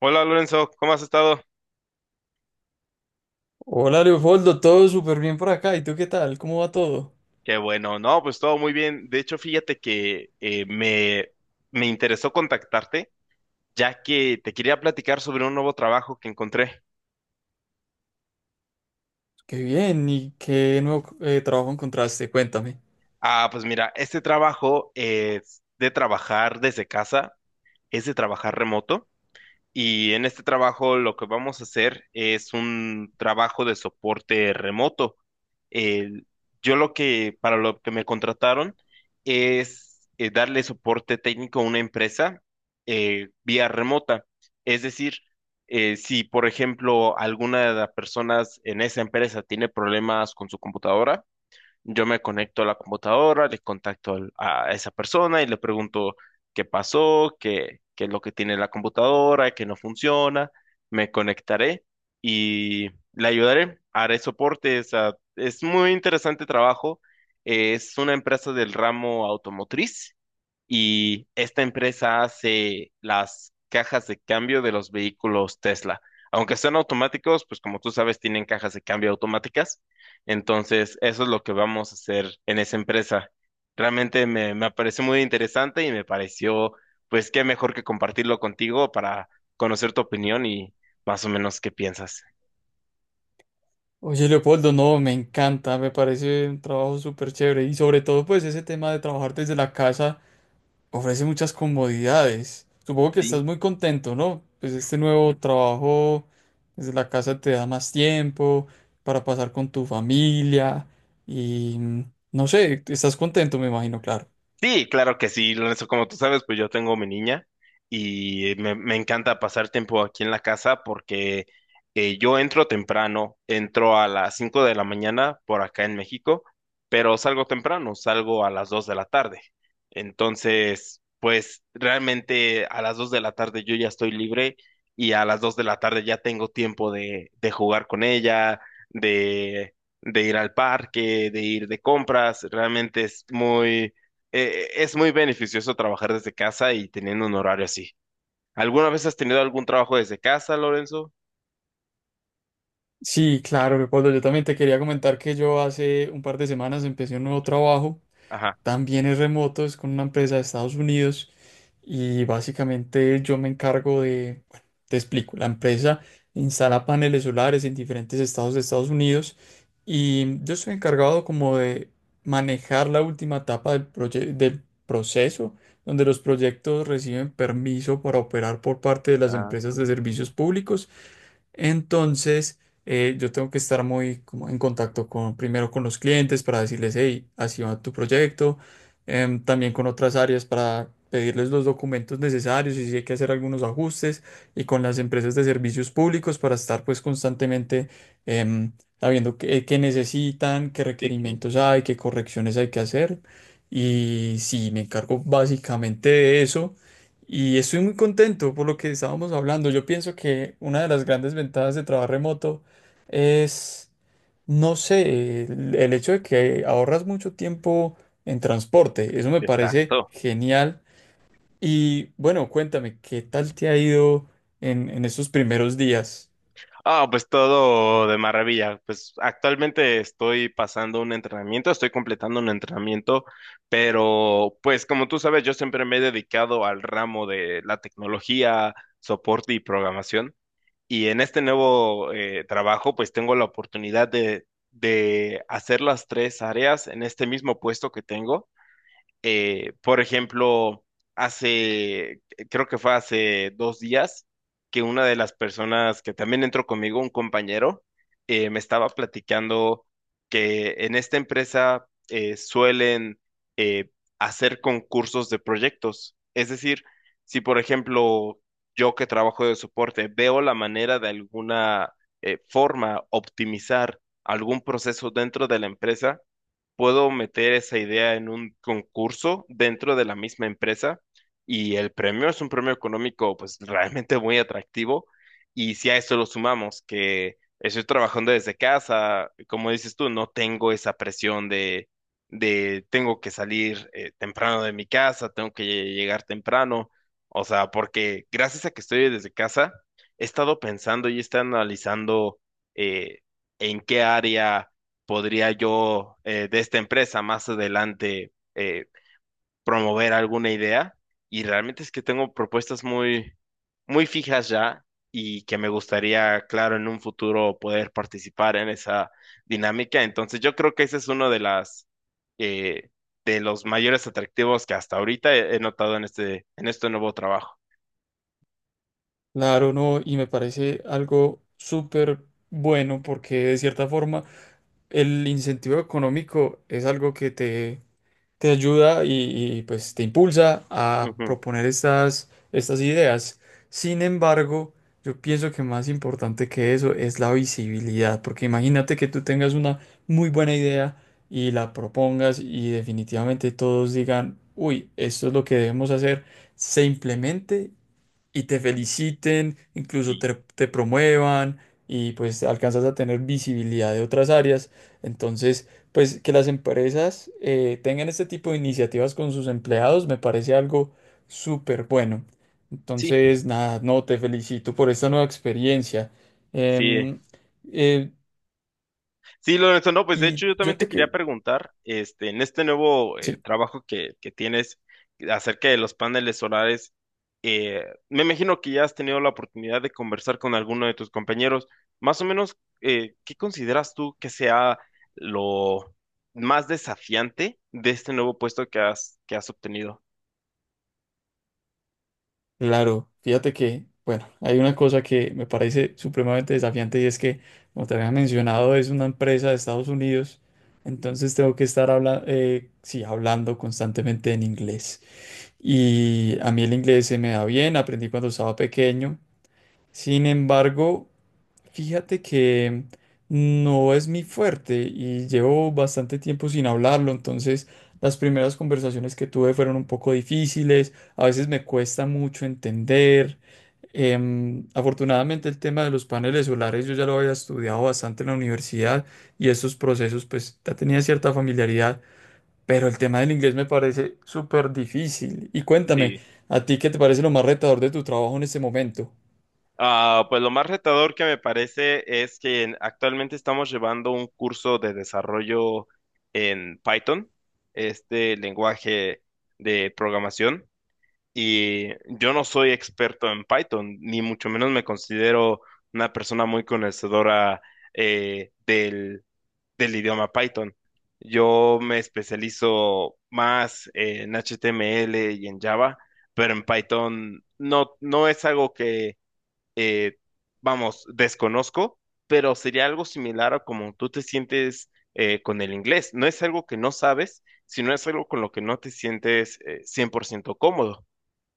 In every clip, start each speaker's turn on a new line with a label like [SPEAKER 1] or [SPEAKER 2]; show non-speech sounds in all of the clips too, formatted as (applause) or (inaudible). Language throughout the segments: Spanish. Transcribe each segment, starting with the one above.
[SPEAKER 1] Hola Lorenzo, ¿cómo has estado?
[SPEAKER 2] Hola Leopoldo, todo súper bien por acá. ¿Y tú qué tal? ¿Cómo va todo?
[SPEAKER 1] Qué bueno, no, pues todo muy bien. De hecho, fíjate que me interesó contactarte, ya que te quería platicar sobre un nuevo trabajo que encontré.
[SPEAKER 2] Qué bien. ¿Y qué nuevo trabajo encontraste? Cuéntame.
[SPEAKER 1] Ah, pues mira, este trabajo es de trabajar desde casa, es de trabajar remoto. Y en este trabajo lo que vamos a hacer es un trabajo de soporte remoto. El- para lo que me contrataron es darle soporte técnico a una empresa vía remota. Es decir, si por ejemplo alguna de las personas en esa empresa tiene problemas con su computadora, yo me conecto a la computadora, le contacto a esa persona y le pregunto qué pasó, qué es lo que tiene la computadora, qué no funciona. Me conectaré y le ayudaré. Haré soporte. O sea, es muy interesante trabajo. Es una empresa del ramo automotriz y esta empresa hace las cajas de cambio de los vehículos Tesla. Aunque sean automáticos, pues como tú sabes, tienen cajas de cambio automáticas. Entonces, eso es lo que vamos a hacer en esa empresa. Realmente me pareció muy interesante y me pareció, pues qué mejor que compartirlo contigo para conocer tu opinión y más o menos qué piensas.
[SPEAKER 2] Oye Leopoldo, no, me encanta, me parece un trabajo súper chévere y sobre todo pues ese tema de trabajar desde la casa ofrece muchas comodidades. Supongo que estás
[SPEAKER 1] Sí.
[SPEAKER 2] muy contento, ¿no? Pues este nuevo trabajo desde la casa te da más tiempo para pasar con tu familia y no sé, estás contento, me imagino, claro.
[SPEAKER 1] Sí, claro que sí, Lorenzo, como tú sabes, pues yo tengo mi niña y me encanta pasar tiempo aquí en la casa porque yo entro temprano, entro a las 5 de la mañana por acá en México, pero salgo temprano, salgo a las 2 de la tarde. Entonces, pues realmente a las 2 de la tarde yo ya estoy libre y a las 2 de la tarde ya tengo tiempo de jugar con ella, de, de ir al parque, de ir de compras, realmente es muy beneficioso trabajar desde casa y teniendo un horario así. ¿Alguna vez has tenido algún trabajo desde casa, Lorenzo?
[SPEAKER 2] Sí, claro, Leopoldo. Yo también te quería comentar que yo hace un par de semanas empecé un nuevo trabajo.
[SPEAKER 1] Ajá.
[SPEAKER 2] También es remoto, es con una empresa de Estados Unidos. Y básicamente yo me encargo de, bueno, te explico, la empresa instala paneles solares en diferentes estados de Estados Unidos. Y yo estoy encargado como de manejar la última etapa del proceso, donde los proyectos reciben permiso para operar por parte de las
[SPEAKER 1] Ah,
[SPEAKER 2] empresas de servicios públicos. Entonces, yo tengo que estar muy como en contacto con, primero con los clientes para decirles, hey, así va tu proyecto, también con otras áreas para pedirles los documentos necesarios y si hay que hacer algunos ajustes y con las empresas de servicios públicos para estar pues constantemente em, sabiendo qué, qué necesitan, qué
[SPEAKER 1] sí, sí,
[SPEAKER 2] requerimientos hay, qué correcciones hay que hacer. Y sí, me encargo básicamente de eso. Y estoy muy contento por lo que estábamos hablando. Yo pienso que una de las grandes ventajas de trabajar remoto es, no sé, el hecho de que ahorras mucho tiempo en transporte. Eso me parece
[SPEAKER 1] exacto.
[SPEAKER 2] genial. Y bueno, cuéntame, ¿qué tal te ha ido en estos primeros días?
[SPEAKER 1] Ah, pues todo de maravilla. Pues actualmente estoy pasando un entrenamiento, estoy completando un entrenamiento, pero pues como tú sabes, yo siempre me he dedicado al ramo de la tecnología, soporte y programación. Y en este nuevo trabajo, pues tengo la oportunidad de hacer las tres áreas en este mismo puesto que tengo. Por ejemplo, hace, creo que fue hace 2 días, que una de las personas que también entró conmigo, un compañero, me estaba platicando que en esta empresa suelen eh, hacer concursos de proyectos. Es decir, si por ejemplo yo que trabajo de soporte veo la manera de alguna forma optimizar algún proceso dentro de la empresa, puedo meter esa idea en un concurso dentro de la misma empresa y el premio es un premio económico pues realmente muy atractivo y si a eso lo sumamos que estoy trabajando desde casa, como dices tú, no tengo esa presión de tengo que salir temprano de mi casa, tengo que llegar temprano, o sea, porque gracias a que estoy desde casa, he estado pensando y he estado analizando eh, en qué área podría yo de esta empresa más adelante promover alguna idea. Y realmente es que tengo propuestas muy, muy fijas ya y que me gustaría, claro, en un futuro poder participar en esa dinámica. Entonces yo creo que ese es uno eh, de los mayores atractivos que hasta ahorita he notado en en este nuevo trabajo.
[SPEAKER 2] Claro, no, y me parece algo súper bueno porque de cierta forma el incentivo económico es algo que te ayuda y, pues te impulsa a
[SPEAKER 1] Ujú.
[SPEAKER 2] proponer estas, estas ideas. Sin embargo, yo pienso que más importante que eso es la visibilidad, porque imagínate que tú tengas una muy buena idea y la propongas y definitivamente todos digan, uy, esto es lo que debemos hacer, se implemente y te feliciten, incluso
[SPEAKER 1] Sí,
[SPEAKER 2] te, te promuevan y pues alcanzas a tener visibilidad de otras áreas. Entonces, pues que las empresas tengan este tipo de iniciativas con sus empleados me parece algo súper bueno.
[SPEAKER 1] sí,
[SPEAKER 2] Entonces, nada, no, te felicito por esta nueva experiencia.
[SPEAKER 1] sí.
[SPEAKER 2] Em, eh,
[SPEAKER 1] Sí, Lorenzo, no, pues de
[SPEAKER 2] y
[SPEAKER 1] hecho yo también
[SPEAKER 2] yo
[SPEAKER 1] te
[SPEAKER 2] te
[SPEAKER 1] quería
[SPEAKER 2] que...
[SPEAKER 1] preguntar, este, en este nuevo
[SPEAKER 2] sí.
[SPEAKER 1] trabajo que tienes acerca de los paneles solares, eh, me imagino que ya has tenido la oportunidad de conversar con alguno de tus compañeros. Más o menos, ¿qué consideras tú que sea lo más desafiante de este nuevo puesto que has obtenido?
[SPEAKER 2] Claro, fíjate que, bueno, hay una cosa que me parece supremamente desafiante y es que, como te había mencionado, es una empresa de Estados Unidos, entonces tengo que estar habla sí, hablando constantemente en inglés. Y a mí el inglés se me da bien, aprendí cuando estaba pequeño. Sin embargo, fíjate que no es mi fuerte y llevo bastante tiempo sin hablarlo, entonces las primeras conversaciones que tuve fueron un poco difíciles, a veces me cuesta mucho entender. Afortunadamente el tema de los paneles solares yo ya lo había estudiado bastante en la universidad y estos procesos pues ya tenía cierta familiaridad, pero el tema del inglés me parece súper difícil. Y cuéntame,
[SPEAKER 1] Sí.
[SPEAKER 2] ¿a ti qué te parece lo más retador de tu trabajo en este momento?
[SPEAKER 1] Ah, pues lo más retador que me parece es que actualmente estamos llevando un curso de desarrollo en Python, este lenguaje de programación, y yo no soy experto en Python, ni mucho menos me considero una persona muy conocedora eh, del, del idioma Python. Yo me especializo más en HTML y en Java, pero en Python no, no es algo que eh, vamos, desconozco, pero sería algo similar a como tú te sientes con el inglés. No es algo que no sabes, sino es algo con lo que no te sientes 100% cómodo.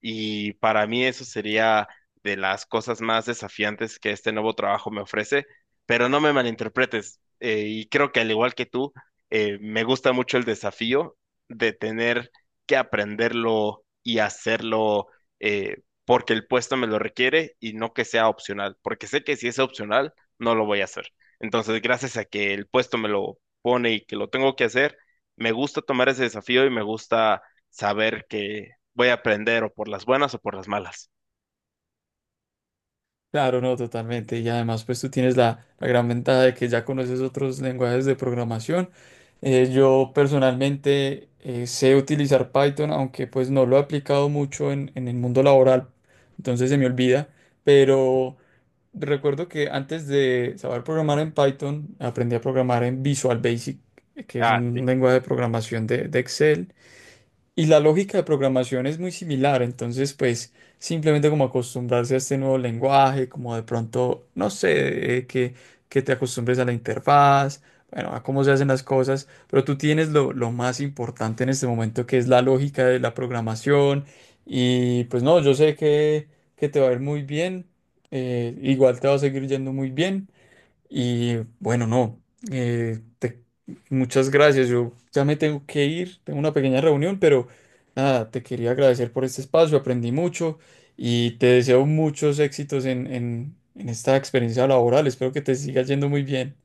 [SPEAKER 1] Y para mí eso sería de las cosas más desafiantes que este nuevo trabajo me ofrece, pero no me malinterpretes. Y creo que al igual que tú, me gusta mucho el desafío de tener que aprenderlo y hacerlo porque el puesto me lo requiere y no que sea opcional, porque sé que si es opcional, no lo voy a hacer. Entonces, gracias a que el puesto me lo pone y que lo tengo que hacer, me gusta tomar ese desafío y me gusta saber que voy a aprender o por las buenas o por las malas.
[SPEAKER 2] Claro, no, totalmente. Y además, pues tú tienes la gran ventaja de que ya conoces otros lenguajes de programación. Yo personalmente sé utilizar Python, aunque pues no lo he aplicado mucho en el mundo laboral, entonces se me olvida. Pero recuerdo que antes de saber programar en Python, aprendí a programar en Visual Basic, que es
[SPEAKER 1] Ah,
[SPEAKER 2] un
[SPEAKER 1] sí.
[SPEAKER 2] lenguaje de programación de Excel. Y la lógica de programación es muy similar, entonces pues simplemente como acostumbrarse a este nuevo lenguaje, como de pronto, no sé, que te acostumbres a la interfaz, bueno, a cómo se hacen las cosas, pero tú tienes lo más importante en este momento que es la lógica de la programación y pues no, yo sé que te va a ir muy bien, igual te va a seguir yendo muy bien y bueno, no, eh, te- muchas gracias. Yo ya me tengo que ir, tengo una pequeña reunión, pero nada, te quería agradecer por este espacio, aprendí mucho y te deseo muchos éxitos en esta experiencia laboral. Espero que te siga yendo muy bien.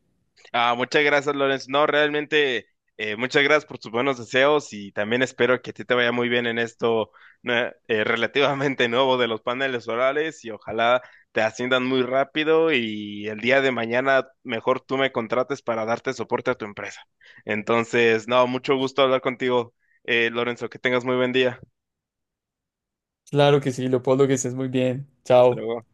[SPEAKER 1] Ah, muchas gracias, Lorenz. No, realmente, muchas gracias por tus buenos deseos y también espero que a ti te vaya muy bien en esto relativamente (laughs) nuevo de los paneles orales y ojalá te asciendan muy rápido y el día de mañana mejor tú me contrates para darte soporte a tu empresa. Entonces, no, mucho gusto hablar contigo, Lorenzo. Que tengas muy buen día.
[SPEAKER 2] Claro que sí, Leopoldo, que estés muy bien.
[SPEAKER 1] Hasta
[SPEAKER 2] Chao.
[SPEAKER 1] luego.